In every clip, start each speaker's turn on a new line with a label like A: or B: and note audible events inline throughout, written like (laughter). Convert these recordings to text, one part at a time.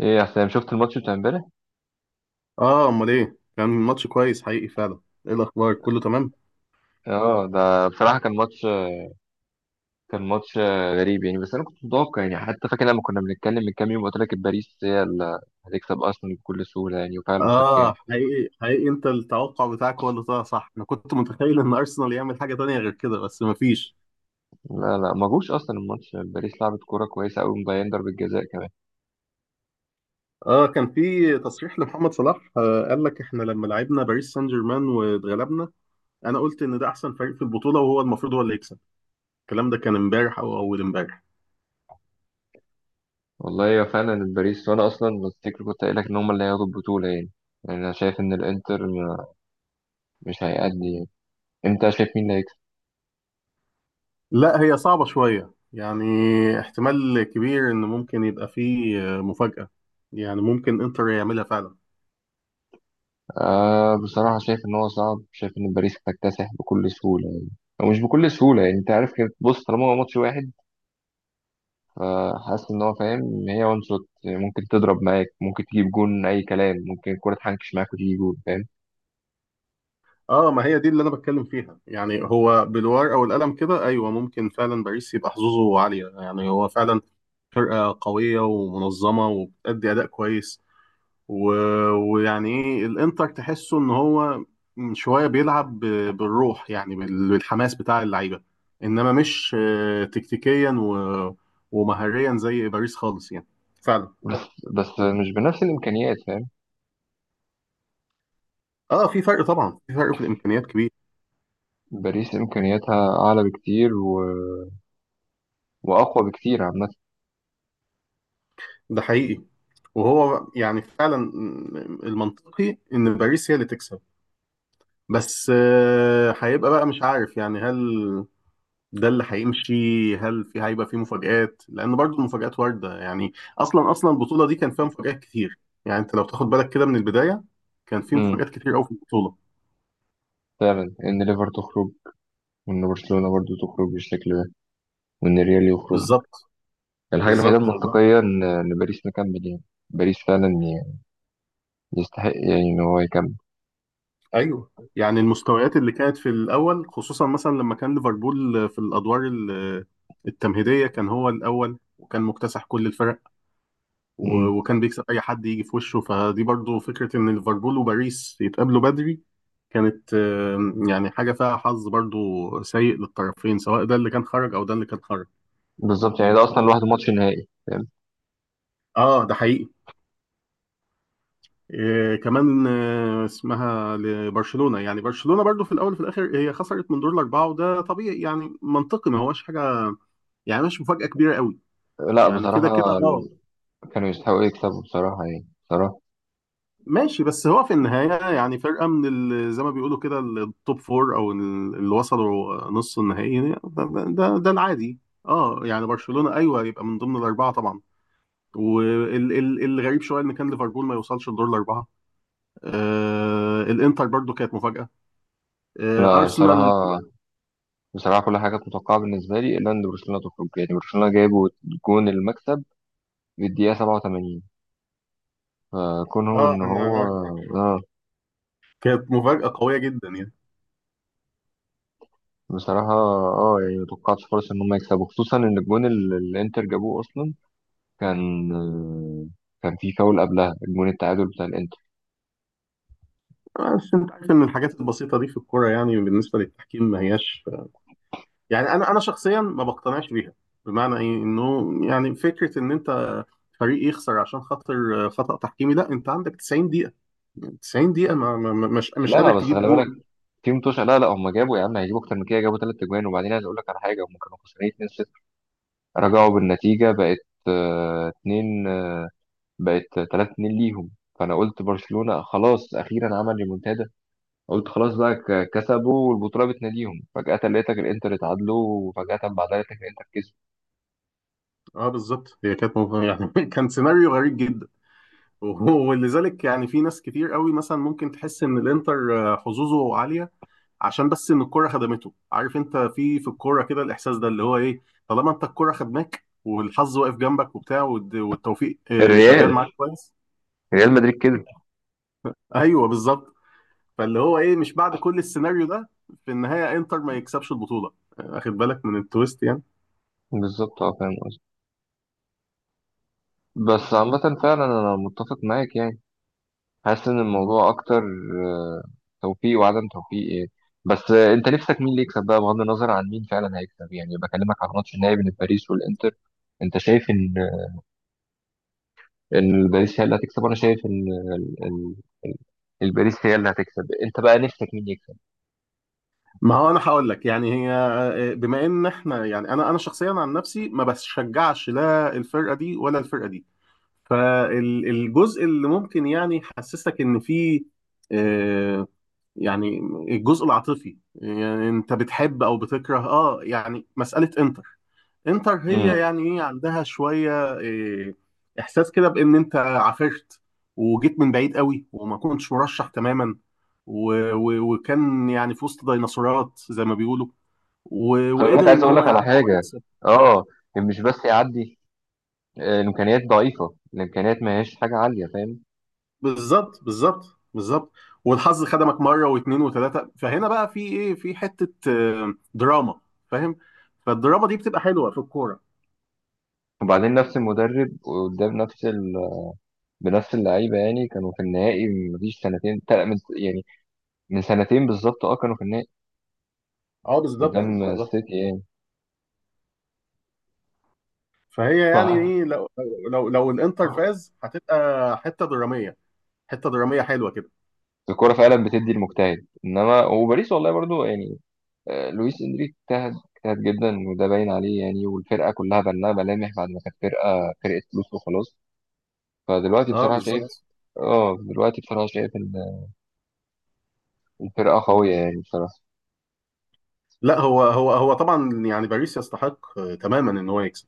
A: ايه يا حسام، شفت الماتش بتاع امبارح؟
B: اه، امال ايه؟ كان ماتش كويس حقيقي فعلا. ايه الاخبار، كله تمام؟
A: اه ده بصراحه كان ماتش غريب يعني، بس انا كنت متوقع يعني، حتى فاكر لما كنا بنتكلم من كام يوم قلت لك باريس هي اللي هتكسب ارسنال بكل سهوله يعني، وفعلا قد
B: اه
A: كان.
B: حقيقي حقيقي، انت التوقع بتاعك هو اللي طلع صح. انا كنت متخيل ان ارسنال يعمل حاجه تانية غير كده، بس مفيش.
A: لا لا ما جوش اصلا الماتش، باريس لعبت كوره كويسه قوي، مضيعين ضربه جزاء كمان.
B: اه، كان في تصريح لمحمد صلاح، قال لك احنا لما لعبنا باريس سان جيرمان واتغلبنا، انا قلت ان ده احسن فريق في البطوله، وهو المفروض هو اللي يكسب. الكلام ده كان امبارح او اول امبارح.
A: والله يا فعلا باريس، وانا اصلا تفتكر كنت قايل لك ان هم اللي هياخدوا البطوله يعني. يعني انا شايف ان الانتر مش هيأدي يعني. انت شايف مين اللي.
B: لا، هي صعبه شويه يعني. احتمال كبير ان ممكن يبقى فيه مفاجاه. يعني ممكن انتر يعملها فعلا.
A: بصراحة شايف إن هو صعب، شايف إن باريس هتكتسح بكل سهولة يعني. أو مش بكل سهولة يعني، أنت عارف كده، بص طالما هو ماتش واحد، فحاسس إن هو فاهم إن هي وان شوت ممكن تضرب معاك، ممكن تجيب جون، أي كلام، ممكن الكورة تحنكش معاك وتيجي جون. فاهم؟
B: اه، ما هي دي اللي انا بتكلم فيها يعني. هو بالورقه او القلم كده، ايوه ممكن فعلا باريس يبقى حظوظه عاليه. يعني هو فعلا فرقه قويه ومنظمه وبتأدي اداء كويس. و... ويعني ايه، الانتر تحسه ان هو شويه بيلعب بالروح يعني، بالحماس بتاع اللعيبه. انما مش تكتيكيا ومهاريا زي باريس خالص يعني، فعلا.
A: بس بس مش بنفس الإمكانيات. فاهم؟
B: اه في فرق طبعا، في فرق في الامكانيات كبير.
A: باريس إمكانياتها أعلى بكتير و... وأقوى بكتير عامة.
B: ده حقيقي. وهو يعني فعلا المنطقي ان باريس هي اللي تكسب. بس هيبقى بقى مش عارف يعني، هل ده اللي هيمشي؟ هل في هيبقى في مفاجآت؟ لان برضو المفاجآت واردة يعني. اصلا اصلا البطولة دي كان فيها مفاجآت كتير. يعني انت لو تاخد بالك كده من البداية، كان في
A: أمم،
B: مفاجآت كتير قوي في البطولة.
A: فعلا إن ليفر تخرج، وإن برشلونة برضه تخرج بالشكل ده، وإن الريال يخرج.
B: بالظبط
A: الحاجة الوحيدة
B: بالظبط.
A: المنطقية إن باريس مكمل يعني. باريس فعلا يستحق يعني ان هو يكمل.
B: ايوه يعني المستويات اللي كانت في الاول، خصوصا مثلا لما كان ليفربول في الادوار التمهيدية، كان هو الاول وكان مكتسح كل الفرق.
A: مم.
B: وكان بيكسب اي حد يجي في وشه. فدي برضو فكره، ان ليفربول وباريس يتقابلوا بدري كانت يعني حاجه فيها حظ برضو سيء للطرفين، سواء ده اللي كان خرج او ده اللي كان خرج.
A: بالظبط، يعني ده اصلا لوحده ماتش نهائي. فاهم؟
B: اه ده حقيقي. آه كمان آه اسمها لبرشلونه. يعني برشلونه برضو في الاول وفي الاخر هي خسرت من دور الاربعه، وده طبيعي يعني، منطقي، ما هوش حاجه يعني، مش مفاجاه كبيره قوي.
A: لا
B: يعني كده كده
A: بصراحه
B: اه.
A: كانوا يستحقوا يكسبوا بصراحه يعني بصراحه.
B: ماشي، بس هو في النهاية يعني فرقة من زي ما بيقولوا كده التوب فور، أو اللي وصلوا نص النهائي ده العادي. اه يعني برشلونة أيوه يبقى من ضمن الأربعة طبعا. والغريب شوية إن كان ليفربول ما يوصلش لدور الأربعة. آه الإنتر برضو كانت مفاجأة. آه
A: لا
B: أرسنال.
A: بصراحه كل حاجه كانت متوقعه بالنسبه لي، الا ان برشلونه تخرج. يعني برشلونه جابوا جون المكسب في الدقيقه 87، فكونهم
B: اه
A: ان هو.
B: أنا،
A: اه
B: كانت مفاجأة قوية جدا يعني.
A: بصراحه اه يعني ما توقعتش خالص ان هم يكسبوا، خصوصا ان الجون اللي الانتر جابوه اصلا كان، كان في فاول قبلها، الجون التعادل بتاع الانتر.
B: بس أنت عارف إن الحاجات البسيطة دي في الكورة يعني، بالنسبة للتحكيم ما هياش يعني. انا شخصيا ما بقتنعش بيها. بمعنى ايه، انه يعني فكره ان انت فريق يخسر عشان خاطر خطأ تحكيمي، لا انت عندك 90 دقيقه، 90 دقيقه، مش
A: لا
B: قادر
A: بس
B: تجيب
A: خلي بالك
B: جون.
A: في متوشة، لا لا هم جابوا، يا عم هيجيبوا اكتر من كده، جابوا ثلاث اجوان. وبعدين عايز اقول لك على حاجه، هم كانوا خسرانين 2-0، رجعوا بالنتيجه، بقت 2 بقت 3-2 ليهم. فانا قلت برشلونه خلاص اخيرا عمل ريمونتادا، قلت خلاص بقى كسبوا والبطوله بتناديهم. فجاه لقيتك الانتر اتعادلوا، وفجاه بعدها لقيتك الانتر كسب.
B: اه بالظبط، هي كانت يعني (laughs) كان سيناريو غريب جدا. ولذلك يعني في ناس كتير قوي مثلا ممكن تحس ان الانتر حظوظه عاليه عشان بس ان الكره خدمته. عارف انت في في الكوره كده الاحساس ده اللي هو ايه، طالما انت الكره خدماك والحظ واقف جنبك وبتاع، والتوفيق شغال
A: الريال
B: معاك كويس.
A: ريال مدريد كسب.
B: ايوه بالظبط. فاللي هو ايه، مش بعد كل السيناريو ده في النهايه انتر ما يكسبش البطوله؟ واخد بالك من التويست يعني.
A: بالظبط اه، فاهم قصدي. بس عامه فعلا انا متفق معاك يعني، حاسس ان الموضوع اكتر آه، توفيق وعدم توفيق ايه. بس انت نفسك مين اللي يكسب بقى، بغض النظر عن مين فعلا هيكسب يعني. بكلمك على الماتش النهائي بين باريس والانتر، انت شايف ان باريس هي اللي هتكسب، وانا شايف ان ال- ال- ال- الباريس هي اللي هتكسب. انت بقى نفسك مين يكسب؟
B: ما هو انا هقول لك يعني، هي بما ان احنا يعني انا شخصيا عن نفسي ما بشجعش لا الفرقه دي ولا الفرقه دي، فالجزء اللي ممكن يعني يحسسك ان في آه، يعني الجزء العاطفي، يعني انت بتحب او بتكره، اه يعني مساله انتر. انتر هي
A: امم
B: يعني ايه، عندها شويه إيه، احساس كده بان انت عافرت وجيت من بعيد قوي وما كنتش مرشح تماما، و و وكان يعني في وسط ديناصورات زي ما بيقولوا، و
A: خلي
B: وقدر
A: بالك عايز
B: ان
A: اقول
B: هو
A: لك على
B: يعدي
A: حاجه،
B: يكسب.
A: اه، إن مش بس يعدي، الامكانيات ضعيفه، الامكانيات ما هياش حاجه عاليه. فاهم؟
B: بالظبط بالظبط بالظبط. والحظ خدمك مره واثنين وثلاثه، فهنا بقى في ايه، في حته دراما. فاهم؟ فالدراما دي بتبقى حلوه في الكوره.
A: وبعدين نفس المدرب قدام نفس، بنفس اللعيبه يعني. كانوا في النهائي من مفيش سنتين، من يعني من سنتين بالظبط. اه كانوا في النهائي،
B: اه
A: اه قدام
B: بالظبط
A: بالظبط
B: بالظبط.
A: السيتي يعني.
B: فهي يعني
A: ف-
B: ايه، لو لو الانتر فاز هتبقى حته دراميه، حته دراميه حلوه كده.
A: الكوره فعلا بتدي المجتهد، انما وباريس والله برضو يعني، لويس انريك اجتهد اجتهد جدا، وده باين عليه يعني. والفرقه كلها بان لها ملامح بعد ما كانت فرقه فلوس وخلاص. فدلوقتي
B: اه
A: بصراحه شايف،
B: بالظبط.
A: اه دلوقتي بصراحه شايف ان الفرقه قويه يعني بصراحه.
B: لا هو هو طبعا يعني باريس يستحق تماما ان هو يكسب.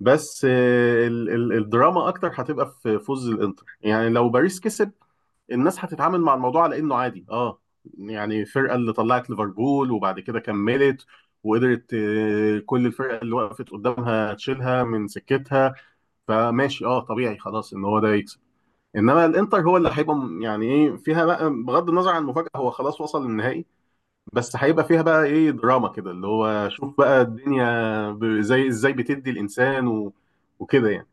B: بس آه، ال ال الدراما اكتر هتبقى في فوز الانتر. يعني لو باريس كسب، الناس هتتعامل مع الموضوع على انه عادي، اه يعني الفرقه اللي طلعت ليفربول وبعد كده كملت وقدرت كل الفرقه اللي وقفت قدامها تشيلها من سكتها. فماشي اه، طبيعي، خلاص ان هو ده يكسب. انما الانتر هو اللي هيبقى يعني ايه فيها بقى، بغض النظر عن المفاجاه هو خلاص وصل للنهائي، بس هيبقى فيها بقى ايه دراما كده، اللي هو شوف بقى الدنيا زي ازاي بتدي الانسان وكده يعني.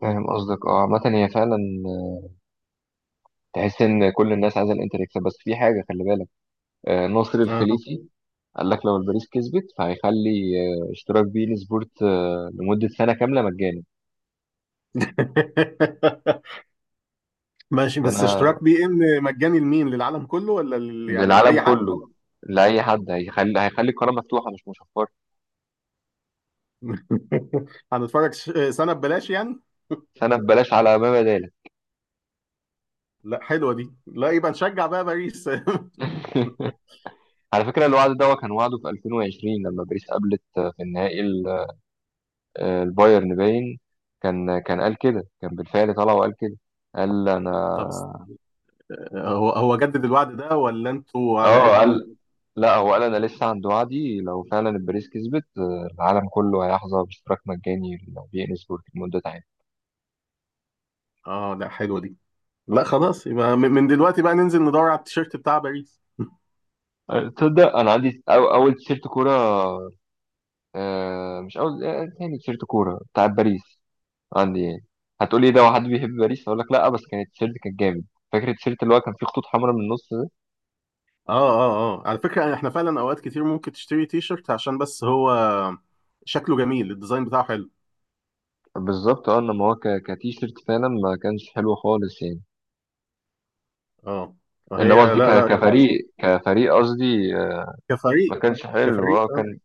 A: فاهم قصدك. اه عامة هي فعلا تحس ان كل الناس عايزه الانتر يكسب، بس في حاجه خلي بالك، ناصر
B: آه.
A: الخليفي قال لك لو الباريس كسبت فهيخلي اشتراك بين سبورت لمدة سنة كاملة مجاني.
B: (laughs) ماشي، بس
A: فأنا
B: اشتراك بي ان مجاني لمين، للعالم كله ولا يعني اي
A: للعالم
B: حد؟
A: كله، لأي حد، هيخلي القناة مفتوحة مش مشفرة.
B: (laughs) هنتفرج سنه ببلاش يعني؟
A: سنة ببلاش على ما بدالك.
B: لا حلوه دي، لا يبقى نشجع بقى باريس.
A: (laughs) على فكرة الوعد ده كان وعده في 2020، لما باريس قابلت في النهائي البايرن باين. كان قال كده، كان بالفعل طلع وقال كده، قال
B: (laughs) طب
A: أنا.
B: هو جدد الوعد ده ولا انتوا
A: اه
B: على قديمه؟
A: قال، لا هو قال انا لسه عند وعدي، لو فعلا الباريس كسبت العالم كله هيحظى باشتراك مجاني لو بي ان سبورت لمده عام.
B: اه لا حلوه دي. لا خلاص، يبقى من من دلوقتي بقى ننزل ندور على التيشيرت بتاع باريس. (laughs) اه
A: تصدق انا عندي أو اول تيشيرت كوره، مش اول، تاني تيشيرت كوره بتاع باريس، عندي يعني. هتقولي إيه ده، واحد بيحب باريس؟ اقول لك لا، بس كان التيشيرت كان جامد. فاكر التيشيرت اللي هو كان فيه خطوط حمراء من النص ده.
B: اه. اه على فكرة احنا فعلا اوقات كتير ممكن تشتري تيشيرت عشان بس هو شكله جميل، الديزاين بتاعه حلو.
A: بالظبط اه، انما هو كتيشيرت فعلا ما كانش حلو خالص يعني.
B: اه.
A: انما
B: فهي
A: قصدي
B: لا لا،
A: كفريق قصدي
B: كفريق
A: ما كانش حلو
B: كفريق،
A: اه،
B: اه
A: كان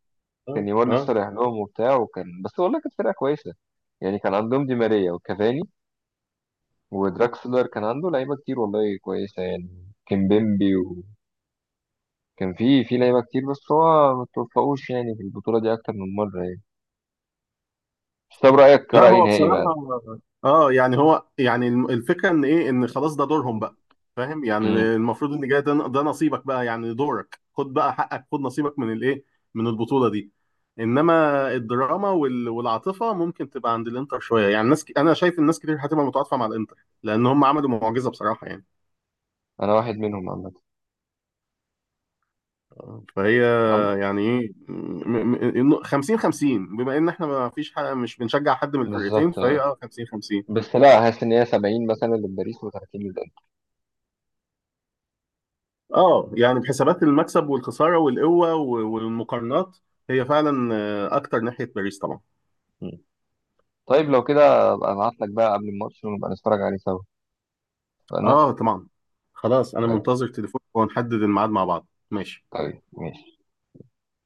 A: كان
B: اه
A: نيمار لسه
B: اه.
A: رايح لهم وبتاع، وكان بس، والله كانت فرقه كويسه يعني. كان عندهم دي ماريا وكافاني ودراكسلر، كان عنده لعيبه كتير والله كويسه يعني، كيمبيمبي، وكان في لعيبه كتير، بس هو ما توفقوش يعني في البطوله دي اكتر من مره يعني. بس طب رايك
B: لا
A: كراي
B: هو
A: نهائي بقى؟
B: بصراحة اه، يعني هو يعني الفكرة ان ايه، ان خلاص ده دورهم بقى. فاهم يعني
A: مم.
B: المفروض ان جاي ده، ده نصيبك بقى، يعني دورك، خد بقى حقك، خد نصيبك من الايه، من البطولة دي. انما الدراما والعاطفة ممكن تبقى عند الانتر شوية. يعني ناس انا شايف الناس كتير هتبقى متعاطفة مع الانتر، لان هم عملوا معجزة بصراحة يعني.
A: انا واحد منهم عامه.
B: فهي
A: عم-
B: يعني ايه، إنه 50 50، بما ان احنا ما فيش حاجة، مش بنشجع حد من الفرقتين،
A: بالظبط.
B: فهي اه 50 50.
A: بس لا، حاسس ان هي 70 مثلا لباريس و30 للانتر.
B: اه يعني بحسابات المكسب والخساره والقوه والمقارنات، هي فعلا اكتر ناحيه باريس طبعا.
A: مم. طيب لو كده ابقى ابعت لك بقى قبل الماتش ونبقى نتفرج عليه سوا. اتفقنا؟
B: اه طبعا. خلاص انا
A: طيب.
B: منتظر تليفونك ونحدد الميعاد مع بعض، ماشي.
A: طيب ماشي.